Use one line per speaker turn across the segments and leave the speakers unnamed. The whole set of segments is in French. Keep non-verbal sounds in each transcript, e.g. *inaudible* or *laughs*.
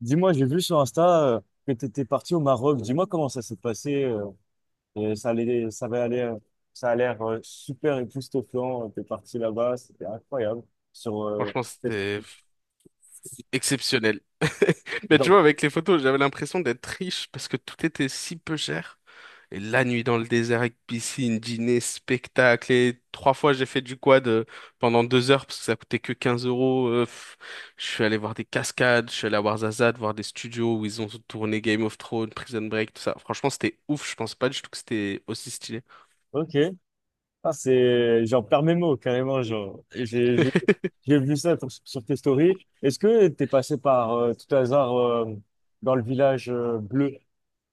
Dis-moi, j'ai vu sur Insta que tu étais parti au Maroc. Dis-moi comment ça s'est passé. Et ça allait, ça va aller, ça a l'air super époustouflant. Tu es parti là-bas, c'était incroyable. Sur,
Franchement,
c'est-
c'était exceptionnel. *laughs* Mais tu
genre,
vois, avec les photos, j'avais l'impression d'être riche parce que tout était si peu cher. Et la nuit dans le désert avec piscine, dîner, spectacle. Et trois fois, j'ai fait du quad pendant 2 heures parce que ça coûtait que 15 euros. Je suis allé voir des cascades, je suis allé à Ouarzazate, voir des studios où ils ont tourné Game of Thrones, Prison Break, tout ça. Franchement, c'était ouf. Je pensais pas du tout que c'était aussi stylé.
ok, ah, j'en perds mes mots carrément. Genre, j'ai j'ai-
*laughs*
j'ai vu ça sur tes stories. Est-ce que tu es passé par, tout hasard, dans le village bleu? Tu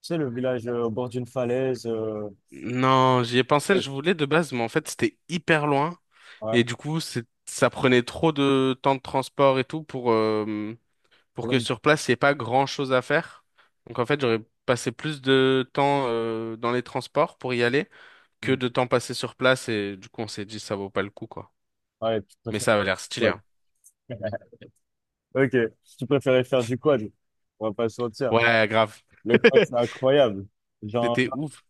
sais, le village au bord d'une falaise.
Non, j'y ai pensé, je voulais de base, mais en fait, c'était hyper loin.
Ouais,
Et du coup, ça prenait trop de temps de transport et tout pour que sur place, il n'y ait pas grand-chose à faire. Donc en fait, j'aurais passé plus de temps, dans les transports pour y aller que de temps passé sur place. Et du coup, on s'est dit, ça vaut pas le coup, quoi.
ouais, tu
Mais
préfères.
ça avait l'air stylé,
Ouais.
hein.
Ok, si tu préférais faire du quad, on va pas se mentir.
Ouais, grave.
Le quad, c'est
*laughs*
incroyable. J'en,
C'était ouf.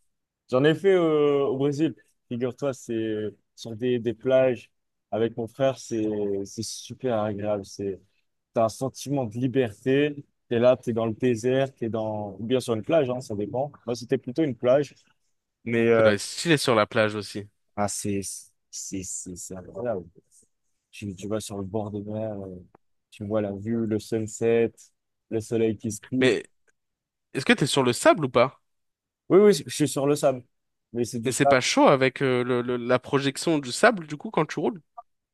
j'en ai fait au Brésil. Figure-toi, c'est sur des plages avec mon frère, c'est super agréable. T'as un sentiment de liberté. T'es là, t'es dans le désert, ou bien sur une plage, hein, ça dépend. Moi, c'était plutôt une plage, mais
Ça doit être stylé sur la plage aussi.
ah, c'est incroyable. Tu vas sur le bord de mer, tu vois la vue, le sunset, le soleil qui se couche.
Mais est-ce que t'es sur le sable ou pas?
Oui, oui, je suis sur le sable. Mais c'est du
Mais c'est pas
sable.
chaud avec la projection du sable, du coup, quand tu roules?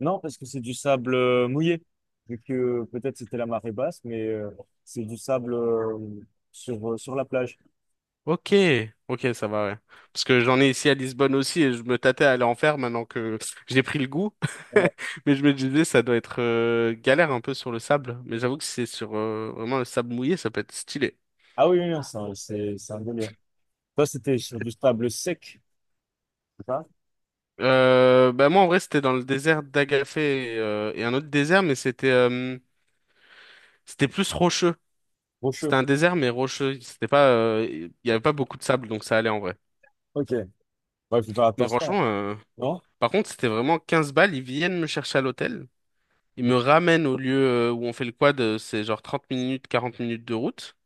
Non, parce que c'est du sable mouillé. Vu que peut-être c'était la marée basse, mais c'est du sable sur la plage.
Ok, ok, ça va, ouais. Parce que j'en ai ici à Lisbonne aussi et je me tâtais à aller en faire maintenant que j'ai pris le goût.
Ouais.
*laughs* Mais je me disais, ça doit être galère un peu sur le sable. Mais j'avoue que si c'est sur vraiment le sable mouillé, ça peut être stylé.
Ah oui, oui, non, c'est un délire. Toi, c'était sur du sable sec, c'est ça?
Bah moi, en vrai, c'était dans le désert d'Agafé et un autre désert, mais c'était plus rocheux. C'était
Rocheux.
un désert, mais rocheux. C'était pas, il y avait pas beaucoup de sable, donc ça allait en vrai.
Ok. Bah, il faut faire
Mais
attention, hein.
franchement,
Non?
par contre, c'était vraiment 15 balles. Ils viennent me chercher à l'hôtel. Il
Mm.
me ramène au lieu où on fait le quad, c'est genre 30 minutes, 40 minutes de route.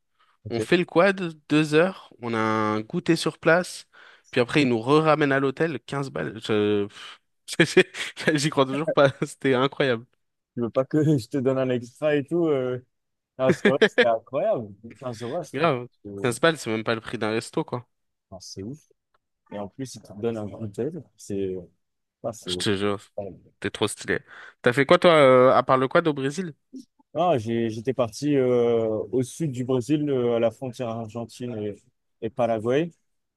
On
Ok.
fait le quad, 2 heures, on a un goûter sur place, puis après il nous re-ramène à l'hôtel, 15 balles. *laughs* J'y crois toujours pas, *laughs* c'était incroyable.
Tu veux pas que *laughs* je te donne un extra et tout? Ah, c'est vrai, c'est incroyable. Quinze euros,
Grave.
euh,
15 balles, c'est même pas le prix d'un resto, quoi.
non, c'est ouf. Et en plus, ils te donnent un cocktail. C'est. Ah,
Je
ouais.
te jure, t'es trop stylé. T'as fait quoi toi, à part le quad au Brésil?
Ah, j'étais parti au sud du Brésil, à la frontière argentine et Paraguay.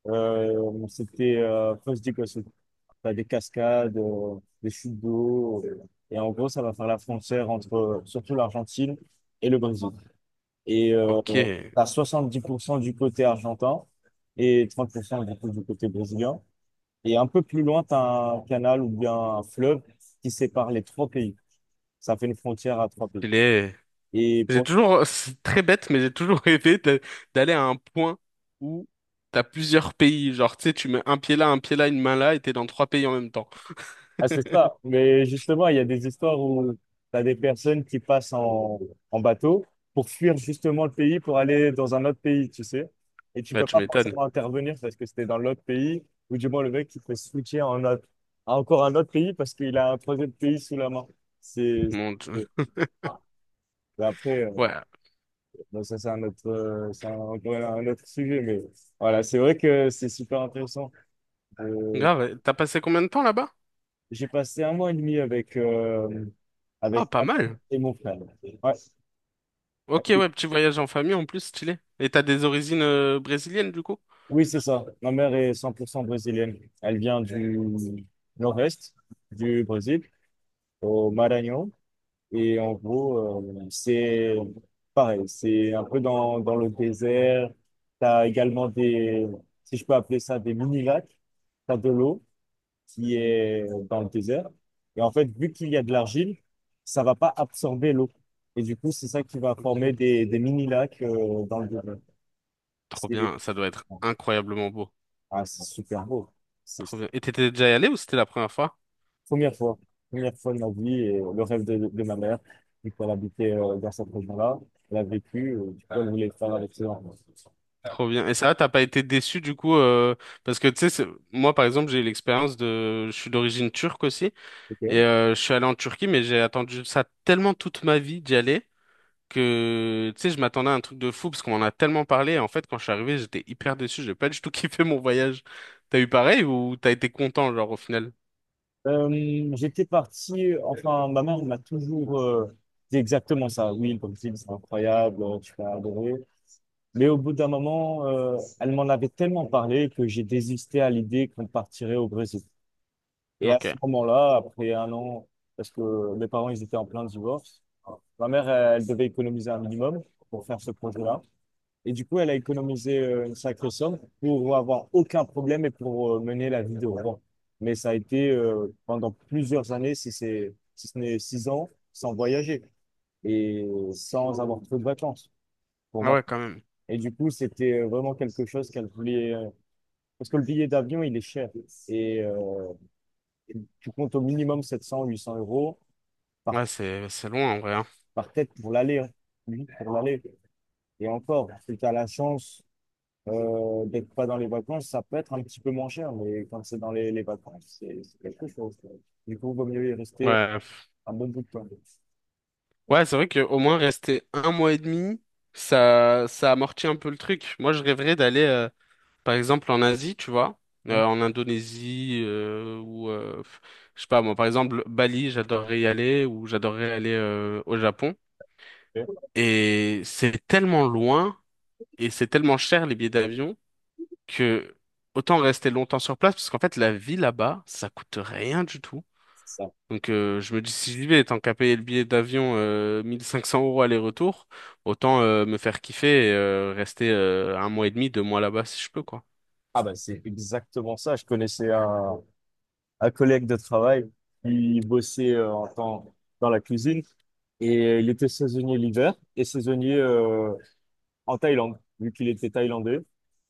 C'était après, quoi, t'as des cascades, des chutes d'eau, et en gros, ça va faire la frontière entre surtout l'Argentine et le Brésil. Et
Ok,
t'as 70% du côté argentin et 30% du coup, du côté brésilien. Et un peu plus loin, t'as un canal ou bien un fleuve qui sépare les trois pays. Ça fait une frontière à trois pays.
stylé.
Et
J'ai
pour
toujours, c'est très bête, mais j'ai toujours *laughs* rêvé d'aller à un point où t'as plusieurs pays. Genre, tu sais, tu mets un pied là, une main là, et t'es dans trois pays en même temps.
Ah, c'est ça. Mais justement, il y a des histoires où tu as des personnes qui passent en bateau pour fuir justement le pays, pour aller dans un autre pays, tu sais. Et tu
Bah,
peux
tu
pas
m'étonnes.
forcément intervenir parce que c'était dans l'autre pays, ou du moins le mec qui peut switcher en autre, à encore un autre pays parce qu'il a un troisième pays sous la main. C'est,
Mon Dieu.
mais après,
Ouais.
bon, ça c'est un autre, encore un autre sujet, mais voilà, c'est vrai que c'est super intéressant. Euh,
Grave. T'as passé combien de temps là-bas?
J'ai passé un mois et demi avec, euh,
Ah,
avec
pas
ma mère
mal.
et mon frère. Ouais.
Ok, ouais, petit voyage en famille en plus, stylé. Et t'as des origines brésiliennes du coup?
Oui, c'est ça. Ma mère est 100% brésilienne. Elle vient du nord-est du Brésil, au Maranhão. Et en gros, c'est pareil, c'est un peu dans le désert. Tu as également des, si je peux appeler ça, des mini-lacs. Tu as de l'eau qui est dans le désert. Et en fait, vu qu'il y a de l'argile, ça va pas absorber l'eau. Et du coup, c'est ça qui va former
Ok.
des mini-lacs dans le désert.
Trop
C'est
bien. Ça doit être incroyablement beau.
Ah, c'est super beau. C'est
Trop bien. Et t'étais déjà allé ou c'était la première fois?
Première fois, première fois de ma vie et le rêve de ma mère. Du coup, elle habitait dans cette région-là. Elle a vécu, du coup, elle voulait le faire avec ses enfants.
Trop bien. Et ça, t'as pas été déçu du coup parce que tu sais, moi par exemple, j'ai eu l'expérience de, je suis d'origine turque aussi
Ok.
et je suis allé en Turquie, mais j'ai attendu ça tellement toute ma vie d'y aller que tu sais, je m'attendais à un truc de fou parce qu'on en a tellement parlé. Et en fait, quand je suis arrivé, j'étais hyper déçu. J'ai pas du tout *laughs* kiffé mon voyage. T'as eu pareil ou t'as été content genre au final?
J'étais parti, enfin, ma mère m'a toujours dit exactement ça. Oui, comme tu dis, c'est incroyable, tu vas adorer. Mais au bout d'un moment, elle m'en avait tellement parlé que j'ai désisté à l'idée qu'on partirait au Brésil. Et à
Ok.
ce moment-là, après un an, parce que mes parents, ils étaient en plein divorce, ma mère, elle devait économiser un minimum pour faire ce projet-là. Et du coup, elle a économisé une sacrée somme pour avoir aucun problème et pour mener la vie de rêve. Mais ça a été pendant plusieurs années, si ce n'est 6 ans, sans voyager et sans avoir trop de vacances. Pour
Ah
ma
ouais, quand même.
Et du coup, c'était vraiment quelque chose qu'elle voulait. Parce que le billet d'avion, il est cher. Et tu comptes au minimum 700-800 € par,
Ouais, c'est loin en vrai, hein.
par tête pour l'aller, hein. Oui, pour l'aller. Et encore, si tu as la chance d'être pas dans les vacances, ça peut être un petit peu moins cher. Mais quand c'est dans les vacances, c'est quelque chose, quoi. Du coup, il vaut mieux y rester
Ouais.
un bon bout de temps.
Ouais, c'est vrai que au moins rester un mois et demi, ça amortit un peu le truc. Moi, je rêverais d'aller, par exemple, en Asie, tu vois, en Indonésie, ou je sais pas moi, par exemple, Bali, j'adorerais y aller, ou j'adorerais aller au Japon.
Ok,
Et c'est tellement loin, et c'est tellement cher les billets d'avion, que autant rester longtemps sur place, parce qu'en fait, la vie là-bas, ça coûte rien du tout.
c'est ça.
Donc je me dis, si j'y vais, tant qu'à payer le billet d'avion 1500 € aller-retour, autant me faire kiffer et rester un mois et demi, 2 mois là-bas si je peux, quoi.
Ah bah c'est exactement ça. Je connaissais un collègue de travail qui bossait en tant dans la cuisine. Et il était saisonnier l'hiver et saisonnier en Thaïlande, vu qu'il était thaïlandais.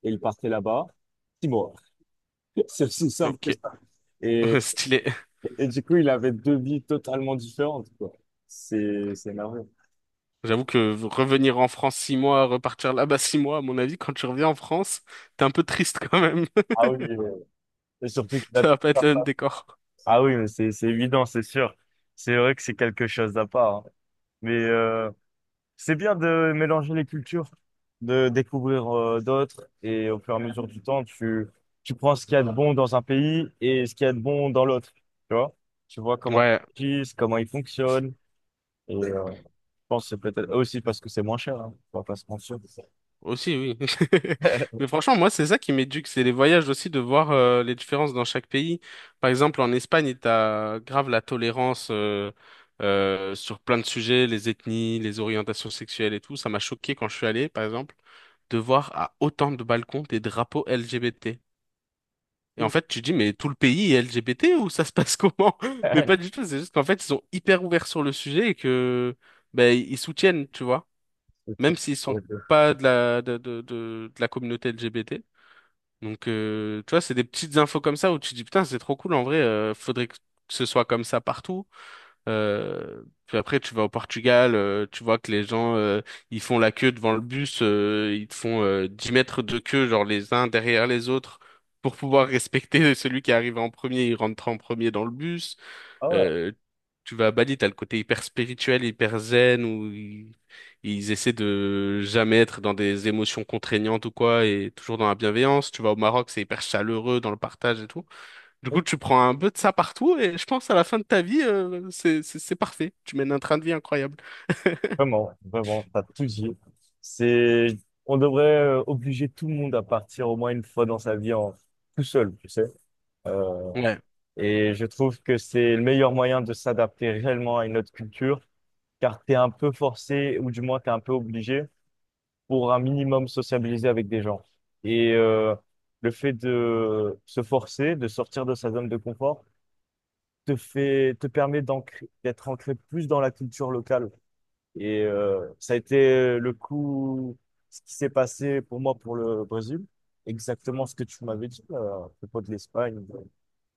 Et il partait là-bas 6 mois. *laughs* C'est aussi simple
Ok,
que ça. Et,
*laughs* stylé.
et du coup, il avait deux vies totalement différentes, quoi. C'est merveilleux.
J'avoue que revenir en France 6 mois, repartir là-bas 6 mois, à mon avis, quand tu reviens en France, t'es un peu triste quand même.
Ah oui, et surtout
*laughs*
qu'il a...
Ça va pas être le même décor.
Ah oui, mais c'est évident, c'est sûr. C'est vrai que c'est quelque chose d'à part, hein. Mais, c'est bien de mélanger les cultures, de découvrir d'autres et au fur et à mesure du temps, tu prends ce qu'il y a de bon dans un pays et ce qu'il y a de bon dans l'autre. Tu vois? Tu vois comment
Ouais,
ils agissent, comment ils fonctionnent. Et je pense que c'est peut-être aussi parce que c'est moins cher, hein. On va pas se mentir.
aussi, oui. *laughs* Mais
*laughs*
franchement, moi, c'est ça qui m'éduque, c'est les voyages aussi, de voir les différences dans chaque pays. Par exemple, en Espagne, t'as grave la tolérance sur plein de sujets, les ethnies, les orientations sexuelles et tout. Ça m'a choqué quand je suis allé, par exemple, de voir à autant de balcons des drapeaux LGBT. Et en fait, tu te dis, mais tout le pays est LGBT ou ça se passe comment? *laughs* Mais
C'est-
pas du tout, c'est juste qu'en fait, ils sont hyper ouverts sur le sujet et que ben, ils soutiennent, tu vois, même s'ils sont pas de la, de la communauté LGBT. Donc, tu vois, c'est des petites infos comme ça où tu te dis, putain, c'est trop cool, en vrai, faudrait que ce soit comme ça partout. Puis après, tu vas au Portugal, tu vois que les gens, ils font la queue devant le bus, ils te font 10 mètres de queue, genre les uns derrière les autres, pour pouvoir respecter *laughs* celui qui est arrivé en premier, il rentre en premier dans le bus.
Ah ouais,
Euh, Tu vas à Bali, t'as le côté hyper spirituel, hyper zen, où ils essaient de jamais être dans des émotions contraignantes ou quoi, et toujours dans la bienveillance. Tu vas au Maroc, c'est hyper chaleureux dans le partage et tout. Du coup, tu prends un peu de ça partout et je pense à la fin de ta vie, c'est parfait. Tu mènes un train de vie incroyable. *laughs*
vraiment, vraiment, t'as tout dit. C'est, on devrait obliger tout le monde à partir au moins une fois dans sa vie en tout seul, tu sais. Euh,
Ouais,
Et je trouve que c'est le meilleur moyen de s'adapter réellement à une autre culture, car tu es un peu forcé, ou du moins tu es un peu obligé, pour un minimum sociabiliser avec des gens. Et le fait de se forcer, de sortir de sa zone de confort, te fait, te permet d'être ancré plus dans la culture locale. Et ça a été le coup, ce qui s'est passé pour moi pour le Brésil, exactement ce que tu m'avais dit à propos de l'Espagne.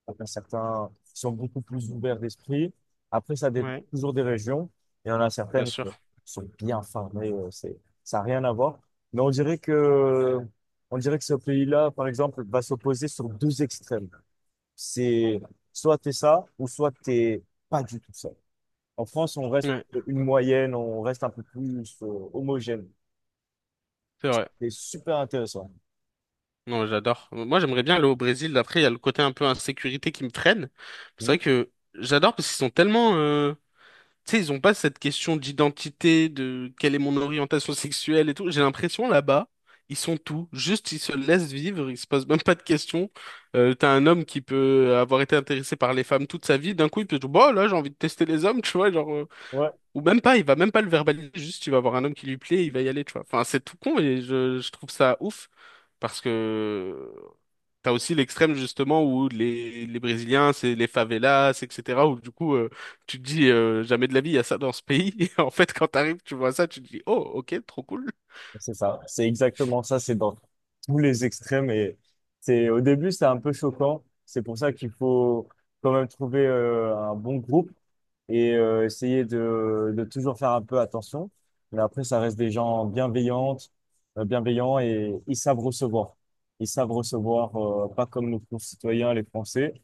Après, certains sont beaucoup plus ouverts d'esprit. Après, ça dépend
ouais,
toujours des régions. Il y en a
bien
certaines qui
sûr.
sont bien fermées. Ça n'a rien à voir. Mais on dirait que ce pays-là, par exemple, va s'opposer sur deux extrêmes. C'est soit t'es ça ou soit t'es pas du tout ça. En France, on reste
Ouais,
une moyenne, on reste un peu plus homogène.
c'est vrai.
C'est super intéressant.
Non, j'adore. Moi, j'aimerais bien aller au Brésil. Après, il y a le côté un peu insécurité qui me freine. C'est vrai
Mhm.
que j'adore parce qu'ils sont tellement, tu sais, ils ont pas cette question d'identité, de quelle est mon orientation sexuelle et tout. J'ai l'impression là-bas, ils sont tout. Juste, ils se laissent vivre, ils se posent même pas de questions. T'as un homme qui peut avoir été intéressé par les femmes toute sa vie, d'un coup, il peut dire, bah là, j'ai envie de tester les hommes, tu vois, genre,
Ouais.
ou même pas, il va même pas le verbaliser, juste, il va avoir un homme qui lui plaît, il va y aller, tu vois. Enfin, c'est tout con et je trouve ça ouf parce que t'as aussi l'extrême justement où les Brésiliens, c'est les favelas, etc. Où du coup, tu te dis jamais de la vie, il y a ça dans ce pays. *laughs* Et en fait, quand t'arrives, tu vois ça, tu te dis, oh, ok, trop cool.
C'est ça, c'est exactement ça, c'est dans tous les extrêmes et c'est au début c'est un peu choquant, c'est pour ça qu'il faut quand même trouver un bon groupe et essayer de toujours faire un peu attention, mais après ça reste des gens bienveillants et ils savent recevoir. Ils savent recevoir, pas comme nos concitoyens, les Français,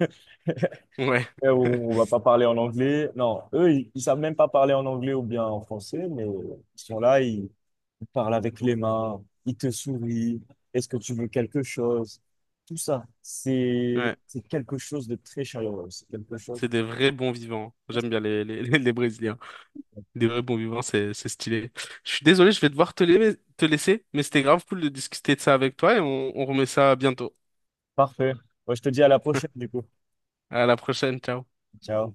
*laughs* Ouais,
*laughs* où on va pas parler en anglais. Non, eux, ils savent même pas parler en anglais ou bien en français, mais ils sont là, ils parle avec les mains, il te sourit, est-ce que tu veux quelque chose? Tout ça, c'est
ouais.
c'est quelque chose de très chaleureux, c'est quelque
C'est
chose.
des vrais bons vivants. J'aime bien *laughs* les Brésiliens. Des vrais bons vivants, c'est stylé. Je suis désolé, je vais devoir te laisser, mais c'était grave cool de discuter de ça avec toi et on remet ça bientôt.
Parfait. Moi, je te dis à la prochaine, du coup.
À la prochaine, ciao.
Ciao.